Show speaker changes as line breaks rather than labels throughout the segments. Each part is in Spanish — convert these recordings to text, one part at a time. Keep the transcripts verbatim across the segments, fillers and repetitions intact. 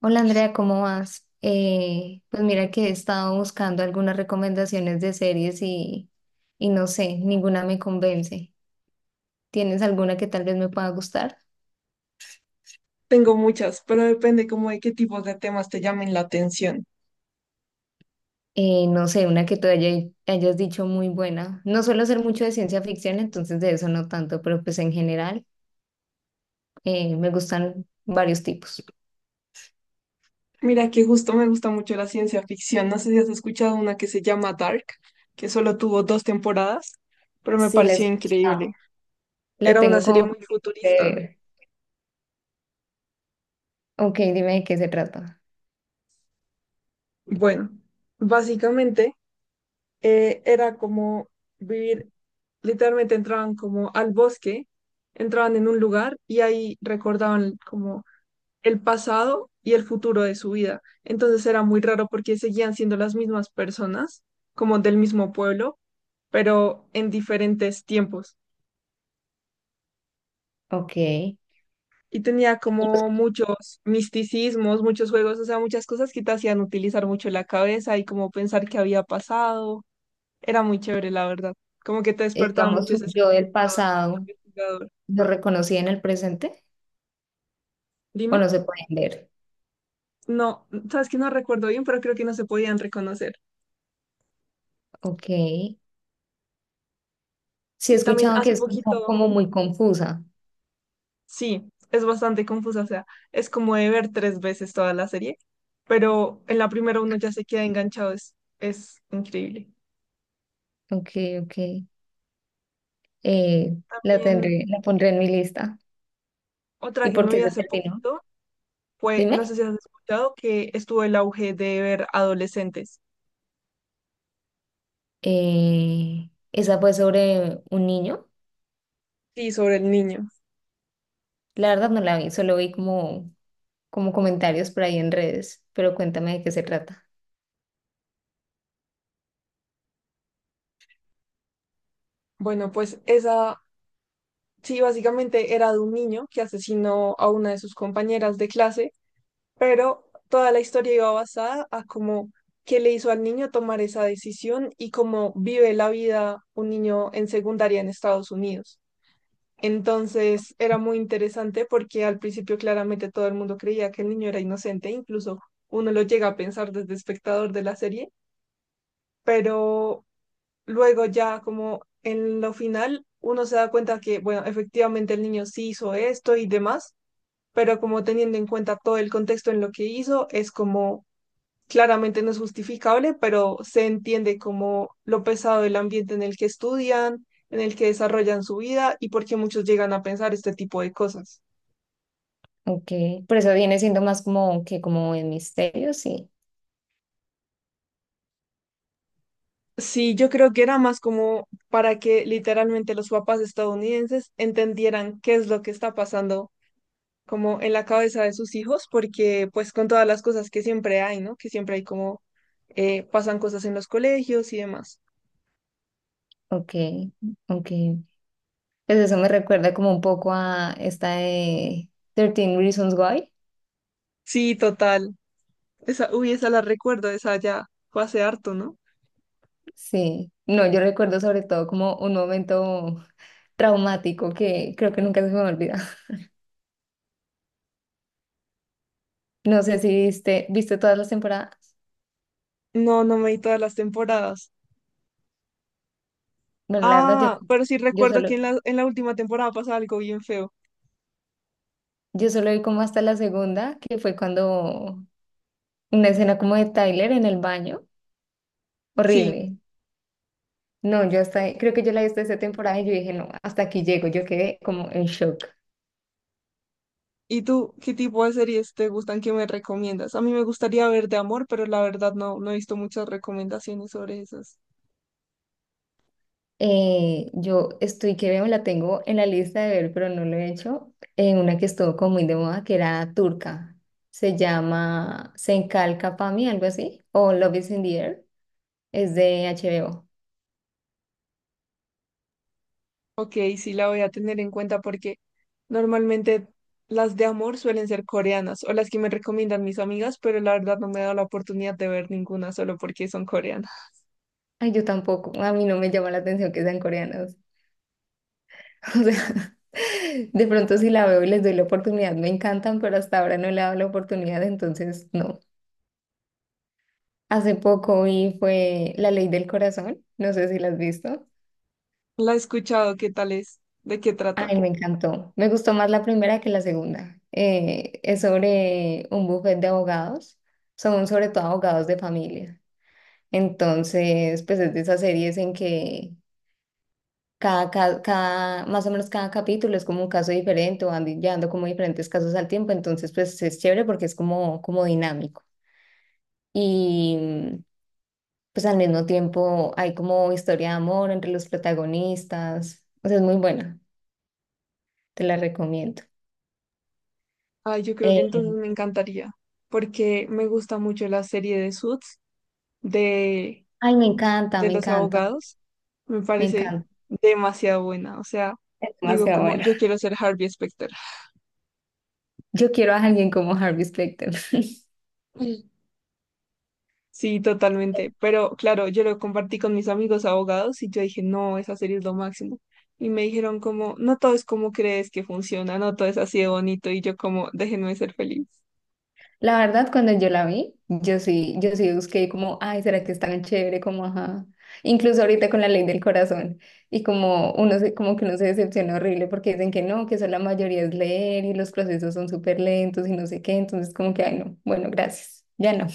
Hola Andrea, ¿cómo vas? Eh, pues mira que he estado buscando algunas recomendaciones de series y, y no sé, ninguna me convence. ¿Tienes alguna que tal vez me pueda gustar?
Tengo muchas, pero depende como de qué tipos de temas te llamen la atención.
Eh, no sé, una que tú haya- hayas dicho muy buena. No suelo hacer mucho de ciencia ficción, entonces de eso no tanto, pero pues en general eh, me gustan varios tipos.
Mira que justo me gusta mucho la ciencia ficción. No sé si has escuchado una que se llama Dark, que solo tuvo dos temporadas, pero me
Sí, la he
pareció increíble.
escuchado. La
Era una
tengo
serie
como
muy
de
futurista.
ver. Ok, dime de qué se trata.
Bueno, básicamente eh, era como vivir, literalmente entraban como al bosque, entraban en un lugar y ahí recordaban como el pasado y el futuro de su vida. Entonces era muy raro porque seguían siendo las mismas personas, como del mismo pueblo, pero en diferentes tiempos.
Ok.
Y tenía como muchos misticismos, muchos juegos, o sea, muchas cosas que te hacían utilizar mucho la cabeza y como pensar qué había pasado. Era muy chévere, la verdad. Como que te despertaba
Digamos,
mucho ese
yo del
sentimiento de
pasado.
investigador.
¿Lo reconocí en el presente o
Dime.
no se pueden ver?
No, sabes que no recuerdo bien, pero creo que no se podían reconocer.
Ok. Sí, he
Sí, también
escuchado que
hace
es como,
poquito,
como muy confusa.
sí, es bastante confusa, o sea, es como de ver tres veces toda la serie, pero en la primera uno ya se queda enganchado, es, es increíble.
Ok, ok. Eh, la
También
tendré, la pondré en mi lista.
otra
¿Y
que
por
me
qué
vi
se
hace
terminó?
poquito fue, no
Dime.
sé si has escuchado, que estuvo el auge de ver adolescentes.
Eh, esa fue sobre un niño.
Sí, sobre el niño.
La verdad no la vi, solo vi como, como comentarios por ahí en redes, pero cuéntame de qué se trata.
Bueno, pues esa, sí, básicamente era de un niño que asesinó a una de sus compañeras de clase, pero toda la historia iba basada a cómo qué le hizo al niño tomar esa decisión y cómo vive la vida un niño en secundaria en Estados Unidos. Entonces era muy interesante porque al principio claramente todo el mundo creía que el niño era inocente, incluso uno lo llega a pensar desde espectador de la serie, pero luego ya como en lo final uno se da cuenta que, bueno, efectivamente el niño sí hizo esto y demás, pero como teniendo en cuenta todo el contexto en lo que hizo, es como claramente no es justificable, pero se entiende como lo pesado del ambiente en el que estudian, en el que desarrollan su vida y por qué muchos llegan a pensar este tipo de cosas.
Ok. Por eso viene siendo más como que como en misterio, sí.
Sí, yo creo que era más como para que literalmente los papás estadounidenses entendieran qué es lo que está pasando como en la cabeza de sus hijos, porque pues con todas las cosas que siempre hay, ¿no? Que siempre hay como eh, pasan cosas en los colegios y demás.
Ok, ok. Pues eso me recuerda como un poco a esta de trece Reasons Why.
Sí, total. Esa, uy, esa la recuerdo, esa ya fue hace harto, ¿no?
Sí, no, yo recuerdo sobre todo como un momento traumático que creo que nunca se me olvida. No sé si viste, viste todas las temporadas.
No, no me vi todas las temporadas.
Bueno, la verdad, yo,
Ah, pero sí
yo
recuerdo que
solo,
en la, en la última temporada pasa algo bien feo.
yo solo vi como hasta la segunda, que fue cuando una escena como de Tyler en el baño.
Sí.
Horrible. No, yo hasta, creo que yo la vi hasta esa temporada y yo dije, no, hasta aquí llego. Yo quedé como en shock.
¿Y tú qué tipo de series te gustan que me recomiendas? A mí me gustaría ver de amor, pero la verdad no, no he visto muchas recomendaciones sobre esas.
Eh, yo estoy que veo, la tengo en la lista de ver, pero no lo he hecho. En una que estuvo como muy de moda, que era turca. Se llama Senkal Kapami, algo así, o Love is in the Air. Es de H B O.
Ok, sí la voy a tener en cuenta porque normalmente las de amor suelen ser coreanas o las que me recomiendan mis amigas, pero la verdad no me he dado la oportunidad de ver ninguna solo porque son coreanas.
Ay, yo tampoco. A mí no me llama la atención que sean coreanos. O sea, de pronto si la veo y les doy la oportunidad, me encantan, pero hasta ahora no le he dado la oportunidad, entonces no. Hace poco vi fue La Ley del Corazón. No sé si la has visto.
La he escuchado, ¿qué tal es? ¿De qué
Ay,
trata?
me encantó. Me gustó más la primera que la segunda. Eh, es sobre un bufete de abogados. Son sobre todo abogados de familia. Entonces, pues es de esas series en que cada, ca- cada, más o menos cada capítulo es como un caso diferente o van di- llevando como diferentes casos al tiempo. Entonces, pues es chévere porque es como, como dinámico. Y mm, pues al mismo tiempo hay como historia de amor entre los protagonistas. O sea, es muy buena. Te la recomiendo.
Ay, yo creo que
Eh,
entonces me encantaría porque me gusta mucho la serie de Suits, de
Ay, me encanta,
de
me
los
encanta,
abogados me
me
parece
encanta.
demasiado buena. O sea,
Es
digo
demasiado
como,
bueno.
yo quiero ser Harvey Specter.
Yo quiero a alguien como Harvey Specter.
Mm. Sí, totalmente. Pero claro, yo lo compartí con mis amigos abogados y yo dije, no, esa serie es lo máximo. Y me dijeron como, no todo es como crees que funciona, no todo es así de bonito. Y yo como, déjenme ser feliz.
La verdad, cuando yo la vi, yo sí, yo sí busqué como, ay, ¿será que es tan chévere? Como, ajá. Incluso ahorita con la ley del corazón. Y como uno se, como que uno se decepciona horrible porque dicen que no, que eso la mayoría es leer y los procesos son súper lentos y no sé qué. Entonces, como que, ay, no, bueno, gracias. Ya no.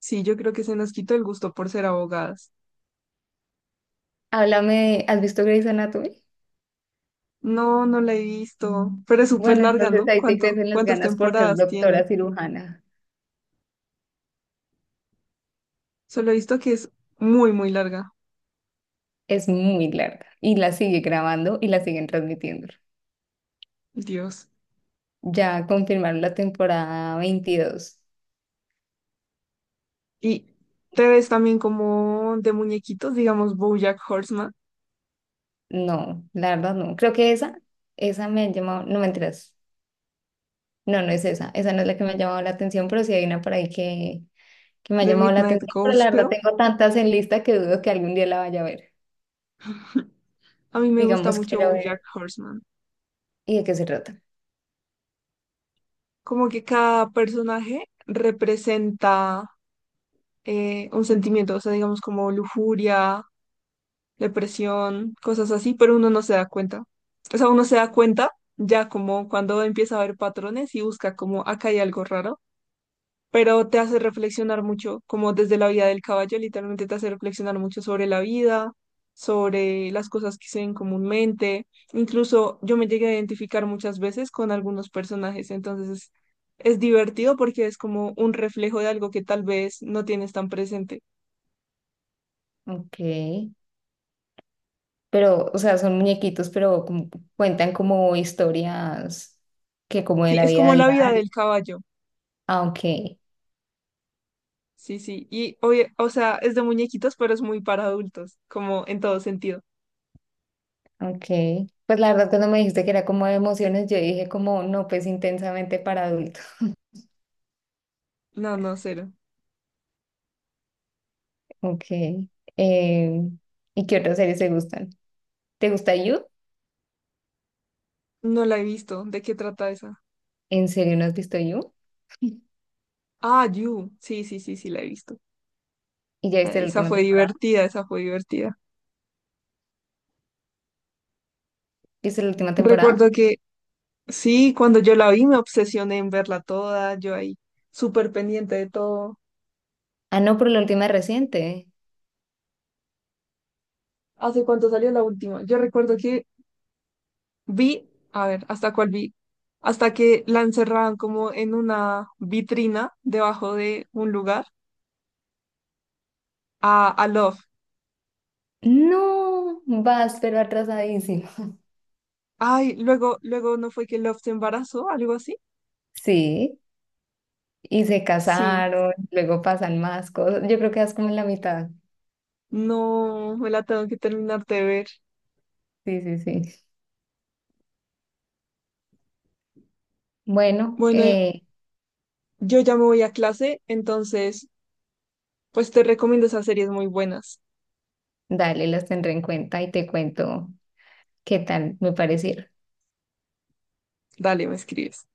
Sí, yo creo que se nos quitó el gusto por ser abogadas.
Háblame, ¿has visto Grey's Anatomy?
No, no la he visto, pero es súper
Bueno,
larga,
entonces
¿no?
ahí te
¿Cuánto,
crecen las
cuántas
ganas por ser
temporadas tiene?
doctora cirujana.
Solo he visto que es muy, muy larga.
Es muy larga y la sigue grabando y la siguen transmitiendo.
Dios.
Ya confirmaron la temporada veintidós.
Y te ves también como de muñequitos, digamos BoJack Horseman,
No, la verdad no. Creo que esa, esa me ha llamado, no mentiras. No, no es esa. Esa no es la que me ha llamado la atención, pero sí hay una por ahí que, que me ha
de
llamado la
Midnight
atención. Pero la verdad
Gospel.
tengo tantas en lista que dudo que algún día la vaya a ver.
A mí me gusta
Digamos,
mucho
quiero
BoJack
ver.
Horseman.
¿Y de qué se trata?
Como que cada personaje representa eh, un sentimiento, o sea, digamos como lujuria, depresión, cosas así, pero uno no se da cuenta. O sea, uno se da cuenta ya como cuando empieza a ver patrones y busca como acá hay algo raro. Pero te hace reflexionar mucho, como desde la vida del caballo, literalmente te hace reflexionar mucho sobre la vida, sobre las cosas que se ven comúnmente. Incluso yo me llegué a identificar muchas veces con algunos personajes, entonces es, es divertido porque es como un reflejo de algo que tal vez no tienes tan presente.
Ok. Pero, o sea, son muñequitos, pero como cuentan como historias que como de
Sí,
la
es
vida
como la vida
diaria.
del caballo.
Ah, ok.
Sí, sí, y oye, o sea, es de muñequitos, pero es muy para adultos, como en todo sentido.
Ok, pues la verdad cuando me dijiste que era como de emociones, yo dije como no, pues intensamente para adultos.
No, no, cero.
Ok, eh, ¿y qué otras series te gustan? ¿Te gusta You?
No la he visto. ¿De qué trata esa?
¿En serio no has visto You?
Ah, You. Sí, sí, sí, sí, la he visto.
¿Y ya
Ah,
viste la
esa
última
fue
temporada?
divertida, esa fue divertida.
¿Viste la última temporada?
Recuerdo que sí, cuando yo la vi me obsesioné en verla toda, yo ahí súper pendiente de todo.
Ah, no, pero la última es reciente.
¿Hace cuánto salió la última? Yo recuerdo que vi, a ver, ¿hasta cuál vi? Hasta que la encerraban como en una vitrina debajo de un lugar a, a Love.
No, vas, pero atrasadísimo.
Ay, luego, luego no fue que Love se embarazó, algo así.
Sí, y se
Sí,
casaron, luego pasan más cosas. Yo creo que vas como en la mitad.
no, me la tengo que terminar de ver.
Sí, sí, sí. Bueno,
Bueno,
eh,
yo ya me voy a clase, entonces... Pues te recomiendo esas series muy buenas.
dale, las tendré en cuenta y te cuento. ¿Qué tal? Me pareció.
Dale, me escribes.